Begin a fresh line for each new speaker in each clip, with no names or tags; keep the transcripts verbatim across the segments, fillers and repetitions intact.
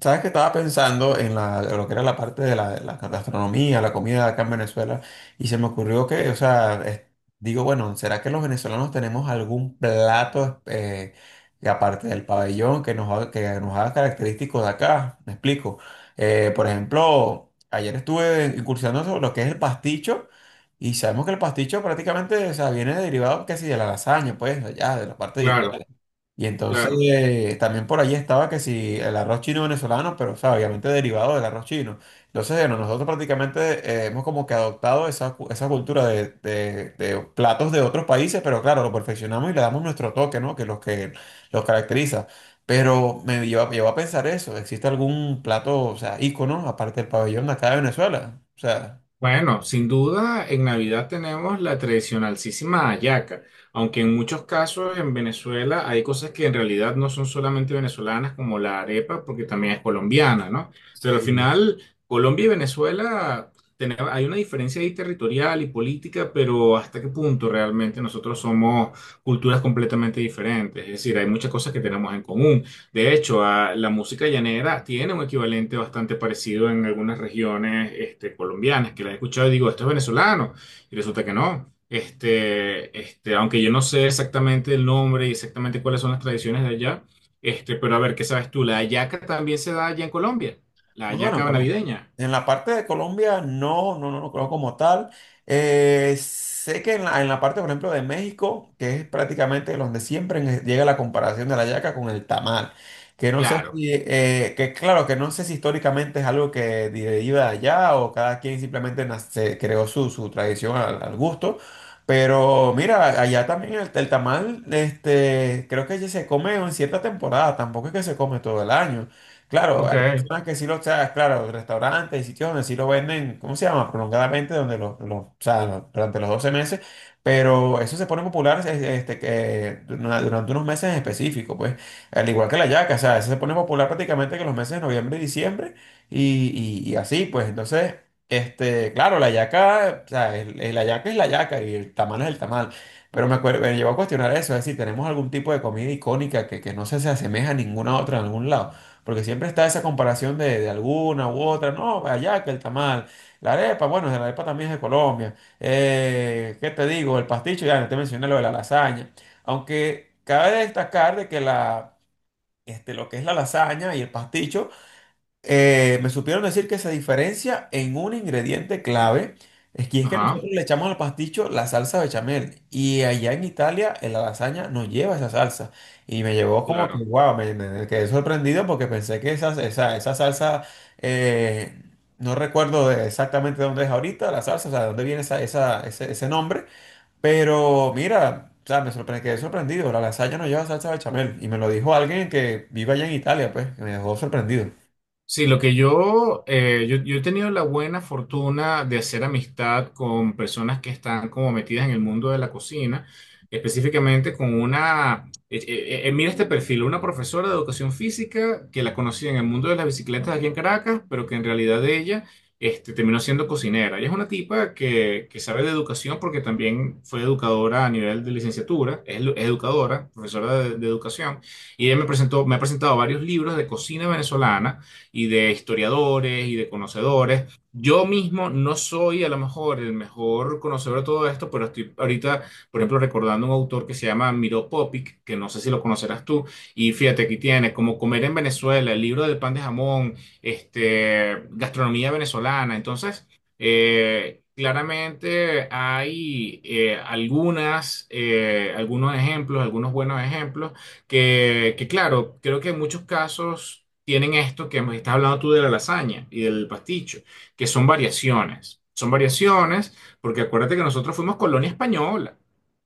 Sabes que estaba pensando en la, lo que era la parte de la, la gastronomía, la comida acá en Venezuela, y se me ocurrió que, o sea, es- digo, bueno, ¿será que los venezolanos tenemos algún plato eh, que aparte del pabellón que nos, haga- que nos haga característicos de acá? Me explico. Eh, por ejemplo, ayer estuve incursionando sobre lo que es el pasticho, y sabemos que el pasticho prácticamente, o sea, viene derivado casi de la lasaña, pues, allá, de la parte de Italia.
Claro,
Y entonces
claro.
eh, también por allí estaba que si el arroz chino venezolano, pero o sea, obviamente derivado del arroz chino. Entonces, bueno, nosotros prácticamente eh, hemos como que adoptado esa, cu- esa cultura de, de- de platos de otros países, pero claro, lo perfeccionamos y le damos nuestro toque, ¿no? Que los que los caracteriza. Pero me lleva, llevó a pensar eso, ¿existe algún plato, o sea, ícono, aparte del pabellón de acá de Venezuela? O sea,
Bueno, sin duda en Navidad tenemos la tradicionalísima hallaca, aunque en muchos casos en Venezuela hay cosas que en realidad no son solamente venezolanas como la arepa, porque también es colombiana, ¿no? Pero al
sí.
final Colombia y Venezuela tene- hay una diferencia ahí territorial y política, pero ¿hasta qué punto realmente nosotros somos culturas completamente diferentes? Es decir, hay muchas cosas que tenemos en común. De hecho, a la música llanera tiene un equivalente bastante parecido en algunas regiones este, colombianas, que la he escuchado y digo, esto es venezolano, y resulta que no. Este, este, aunque yo no sé exactamente el nombre y exactamente cuáles son las tradiciones de allá, este, pero a ver, ¿qué sabes tú? ¿La hallaca también se da allá en Colombia? ¿La
No, bueno,
hallaca
pues,
navideña?
en la parte de Colombia no, no, no, no conozco como tal. Eh, sé que en la, en la parte, por ejemplo, de México, que es prácticamente donde siempre en- llega la comparación de la yaca con el tamal, que no sé
Claro.
si, eh, que claro, que no sé si históricamente es algo que deriva de allá o cada quien simplemente nas- se creó su, su tradición al, al gusto. Pero mira, allá también el, el tamal, este, creo que ya se come en cierta temporada, tampoco es que se come todo el año. Claro,
Ok.
personas que sí lo, o sea, claro, restaurantes y sitios donde sí lo venden, ¿cómo se llama? Prolongadamente, donde los, los- o sea, lo- durante los doce meses, pero eso se pone popular es- este, que, dura- durante unos meses en específico, pues, al igual que la yaca, o sea, eso se pone popular prácticamente que los meses de noviembre y diciembre, y, y- y así, pues, entonces, este, claro, la yaca, o sea, el- el- la yaca es la yaca y el tamal es el tamal, pero me acuerdo, me llevó a cuestionar eso, es decir, tenemos algún tipo de comida icónica que, que no se, se asemeja a ninguna otra en algún lado. Porque siempre está esa comparación de, de alguna u otra. No, allá que el tamal. La arepa, bueno, la arepa también es de Colombia. Eh, ¿qué te digo? El pasticho, ya no te mencioné lo de la lasaña. Aunque cabe destacar de que la, este, lo que es la lasaña y el pasticho eh, me supieron decir que se diferencia en un ingrediente clave, es que es que
Ajá,
nosotros le echamos al pasticho la salsa bechamel y allá en Italia en la lasaña no lleva esa salsa y me llevó como que
claro.
wow, me, me quedé sorprendido porque pensé que esa, esa, esa salsa, eh, no recuerdo de- exactamente dónde es ahorita la salsa, o sea, de dónde viene esa, esa, ese, ese nombre, pero mira, o sea, me sorpre- quedé sorprendido, la lasaña no lleva salsa bechamel y me lo dijo alguien que vive allá en Italia, pues, que me dejó sorprendido.
Sí, lo que yo, eh, yo, yo he tenido la buena fortuna de hacer amistad con personas que están como metidas en el mundo de la cocina, específicamente con una, eh, eh, eh, mira este perfil, una profesora de educación física que la conocí en el mundo de las bicicletas aquí en Caracas, pero que en realidad ella este, terminó siendo cocinera. Ella es una tipa que, que sabe de educación porque también fue educadora a nivel de licenciatura, es, lu- es educadora, profesora de de educación, y ella me presentó, me ha presentado varios libros de cocina venezolana y de historiadores y de conocedores. Yo mismo no soy a lo mejor el mejor conocedor de todo esto, pero estoy ahorita, por ejemplo, recordando un autor que se llama Miro Popic, que no sé si lo conocerás tú, y fíjate, aquí tiene como Comer en Venezuela, el libro del pan de jamón, este, gastronomía venezolana. Entonces, eh, claramente hay eh, algunas, eh, algunos ejemplos, algunos buenos ejemplos, que, que claro, creo que en muchos casos tienen esto que me estás hablando tú de la lasaña y del pasticho, que son variaciones. Son variaciones porque acuérdate que nosotros fuimos colonia española.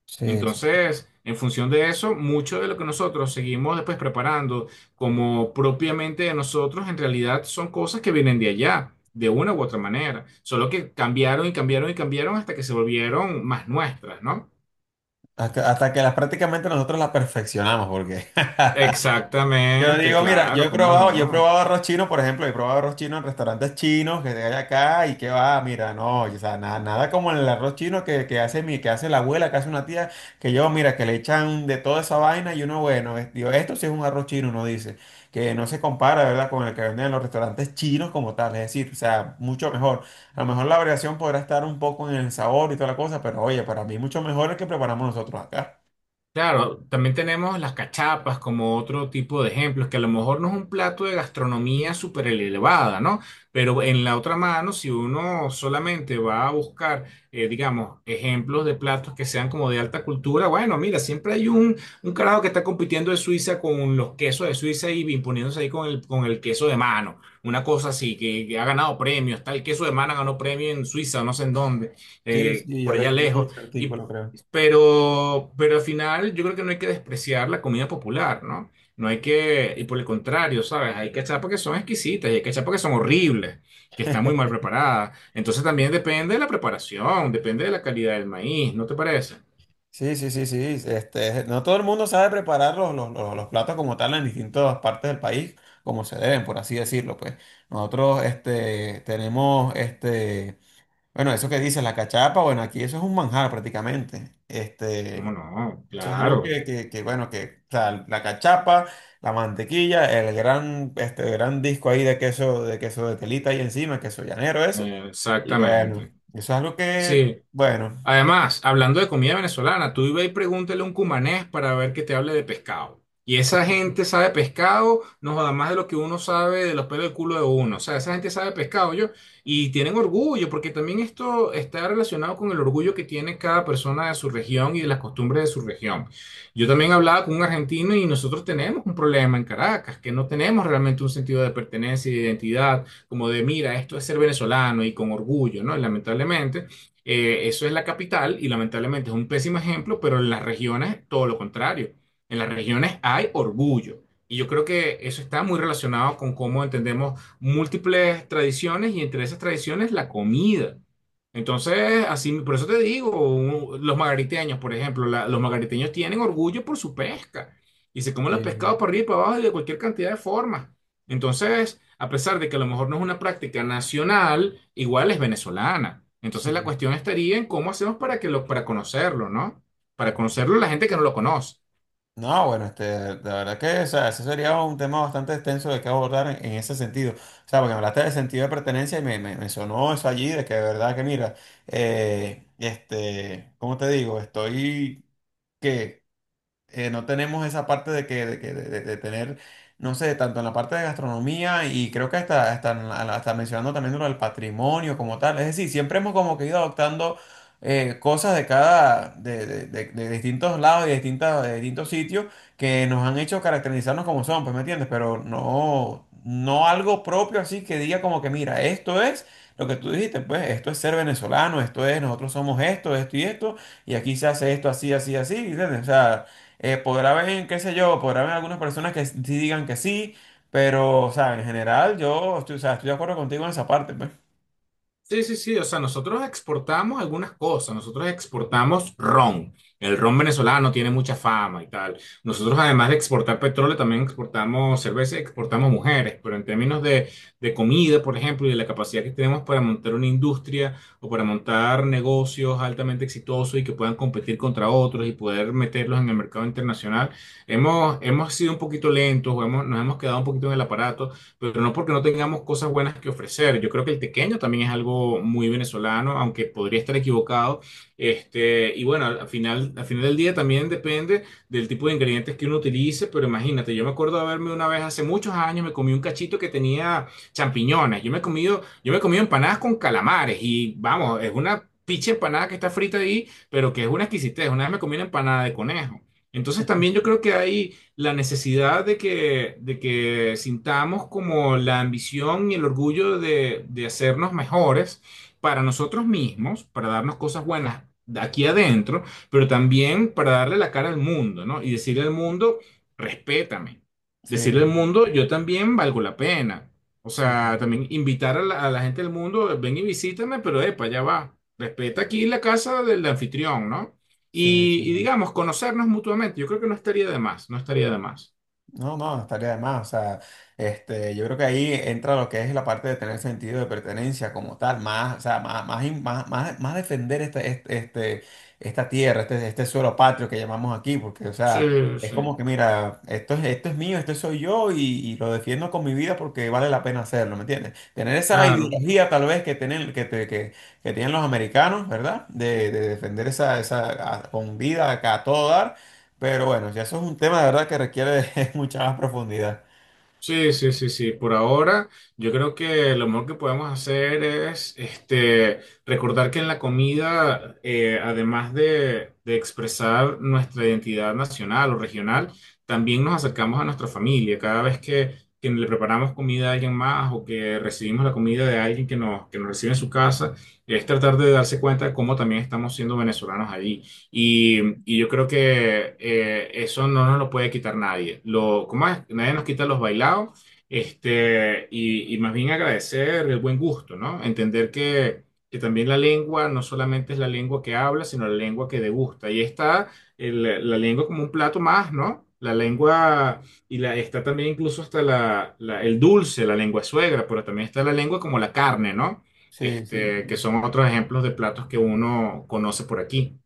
Sí.
Entonces, en función de eso, mucho de lo que nosotros seguimos después preparando como propiamente de nosotros, en realidad son cosas que vienen de allá, de una u otra manera. Solo que cambiaron y cambiaron y cambiaron hasta que se volvieron más nuestras, ¿no?
Hasta, hasta que las prácticamente nosotros las perfeccionamos, porque yo
Exactamente,
digo, mira, yo
claro,
he
cómo
probado, yo he
no.
probado arroz chino, por ejemplo, he probado arroz chino en restaurantes chinos que hay acá y que va, mira, no, o sea, nada, nada como el arroz chino que, que hace mi, que hace la abuela, que hace una tía, que yo, mira, que le echan de toda esa vaina y uno, bueno, es- digo, esto sí es un arroz chino, uno dice, que no se compara, ¿verdad?, con el que venden en los restaurantes chinos como tal, es decir, o sea, mucho mejor. A lo mejor la variación podrá estar un poco en el sabor y toda la cosa, pero oye, para mí mucho mejor el que preparamos nosotros acá.
Claro, también tenemos las cachapas como otro tipo de ejemplos, que a lo mejor no es un plato de gastronomía súper elevada, ¿no? Pero en la otra mano, si uno solamente va a buscar, eh, digamos, ejemplos de platos que sean como de alta cultura, bueno, mira, siempre hay un, un carajo que está compitiendo de Suiza con los quesos de Suiza y imponiéndose ahí con el, con el queso de mano, una cosa así, que, que ha ganado premios, tal, el queso de mano ganó premio en Suiza, no sé en dónde,
Sí,
eh,
sí, yo
por
le,
allá
yo leí
lejos.
ese
y
artículo, creo.
pero, pero al final yo creo que no hay que despreciar la comida popular, ¿no? No hay que, y por el contrario, ¿sabes? Hay que echar porque son exquisitas y hay que echar porque son horribles, que están muy mal preparadas. Entonces también depende de la preparación, depende de la calidad del maíz, ¿no te parece?
Sí, sí, sí, sí. Este, no todo el mundo sabe preparar los, los, los- los platos como tal en distintas partes del país, como se deben, por así decirlo, pues. Nosotros, este, tenemos, este, bueno, eso que dices, la cachapa, bueno, aquí eso es un manjar prácticamente.
¿Cómo
Este,
no?
eso es algo
Claro,
que, que, que, bueno, que, o sea, la cachapa, la mantequilla, el gran, este, gran disco ahí de queso, de queso de telita ahí encima, queso llanero, eso.
eh,
Y bueno,
exactamente.
eso es algo que,
Sí,
bueno.
además, hablando de comida venezolana, tú ve y pregúntale a un cumanés para ver que te hable de pescado. Y esa gente sabe pescado, no joda más de lo que uno sabe de los pelos del culo de uno. O sea, esa gente sabe pescado, yo. Y tienen orgullo, porque también esto está relacionado con el orgullo que tiene cada persona de su región y de las costumbres de su región. Yo también hablaba con un argentino y nosotros tenemos un problema en Caracas, que no tenemos realmente un sentido de pertenencia y de identidad, como de, mira, esto es ser venezolano y con orgullo, ¿no? Lamentablemente. Eh, eso es la capital y lamentablemente es un pésimo ejemplo, pero en las regiones todo lo contrario. En las regiones hay orgullo. Y yo creo que eso está muy relacionado con cómo entendemos múltiples tradiciones y entre esas tradiciones la comida. Entonces, así, por eso te digo, un- los margariteños, por ejemplo, la- los margariteños tienen orgullo por su pesca y se comen los pescados
Sí,
para arriba y para abajo y de cualquier cantidad de formas. Entonces, a pesar de que a lo mejor no es una práctica nacional, igual es venezolana.
sí.
Entonces, la cuestión estaría en cómo hacemos para que lo, para conocerlo, ¿no? Para conocerlo la gente que no lo conoce.
No, bueno, este, de verdad que, o sea, ese sería un tema bastante extenso de que abordar en, en ese sentido. O sea, porque me hablaste del sentido de pertenencia y me, me, me sonó eso allí, de que de verdad que, mira, eh, este, ¿cómo te digo? Estoy, que eh, no tenemos esa parte de que, de que- de- de- de tener, no sé, tanto en la parte de gastronomía y creo que hasta, hasta, en la- hasta mencionando también lo del patrimonio como tal. Es decir, siempre hemos como que ido adoptando eh, cosas de cada, de, de- de- de distintos lados y de, distintas, de distintos sitios que nos han hecho caracterizarnos como son, pues, ¿me entiendes? Pero no, no algo propio así que diga como que, mira, esto es lo que tú dijiste, pues, esto es ser venezolano, esto es, nosotros somos esto, esto y esto. Y aquí se hace esto así, así, así, ¿entiendes? O sea, eh, podrá haber, qué sé yo, podrá haber algunas personas que sí digan que sí, pero, o sea, en general yo estoy, o sea, estoy de acuerdo contigo en esa parte, pues.
Sí, sí, sí, o sea, nosotros exportamos algunas cosas, nosotros exportamos ron, el ron venezolano tiene mucha fama y tal. Nosotros además de exportar petróleo, también exportamos cerveza y exportamos mujeres, pero en términos de, de comida, por ejemplo, y de la capacidad que tenemos para montar una industria o para montar negocios altamente exitosos y que puedan competir contra otros y poder meterlos en el mercado internacional, hemos, hemos sido un poquito lentos o hemos, nos hemos quedado un poquito en el aparato, pero no porque no tengamos cosas buenas que ofrecer. Yo creo que el tequeño también es algo muy venezolano, aunque podría estar equivocado. Este, y bueno, al final, al final del día también depende del tipo de ingredientes que uno utilice, pero imagínate, yo me acuerdo de haberme una vez hace muchos años, me comí un cachito que tenía champiñones. Yo me he comido, yo me he comido empanadas con calamares y vamos, es una picha empanada que está frita ahí, pero que es una exquisitez. Una vez me comí una empanada de conejo. Entonces también yo creo que hay la necesidad de que, de que sintamos como la ambición y el orgullo de, de hacernos mejores para nosotros mismos, para darnos cosas buenas de aquí adentro, pero también para darle la cara al mundo, ¿no? Y decirle al mundo, respétame.
Sí,
Decirle al mundo, yo también valgo la pena. O sea,
sí,
también invitar a la, a la gente del mundo, ven y visítame, pero epa, ya va. Respeta aquí la casa del anfitrión, ¿no?
sí, sí.
Y, y digamos, conocernos mutuamente, yo creo que no estaría de más, no estaría de más.
No, no, no estaría de más. O sea, este, yo creo que ahí entra lo que es la parte de tener sentido de pertenencia como tal, más, o sea, más, más, in- más, más- más defender este, este, este- esta tierra, este, este suelo patrio que llamamos aquí, porque, o
Sí,
sea, es
sí,
como que, mira, esto es, esto es mío, esto soy yo y, y lo defiendo con mi vida porque vale la pena hacerlo, ¿me entiendes? Tener esa
claro.
ideología tal vez que tienen, que, te- que, que tienen los americanos, ¿verdad? De, de defender esa, esa a- con vida acá a todo dar. Pero bueno, ya eso es un tema de verdad que requiere mucha más profundidad.
Sí, sí, sí, sí. Por ahora, yo creo que lo mejor que podemos hacer es este, recordar que en la comida, eh, además de, de expresar nuestra identidad nacional o regional, también nos acercamos a nuestra familia. Cada vez que, que le preparamos comida a alguien más o que recibimos la comida de alguien que nos, que nos recibe en su casa, es tratar de darse cuenta de cómo también estamos siendo venezolanos allí. Y, y yo creo que eh, eso no nos lo puede quitar nadie. Lo, ¿cómo es? Nadie nos quita los bailados. Este, y, y más bien agradecer el buen gusto, ¿no? Entender que, que también la lengua no solamente es la lengua que habla, sino la lengua que degusta. Y está el- la lengua como un plato más, ¿no? La lengua, y la, está también incluso hasta la, la- el dulce, la lengua suegra, pero también está la lengua como la carne, ¿no?
Sí,
Este, que
sí.
son otros ejemplos de platos que uno conoce por aquí.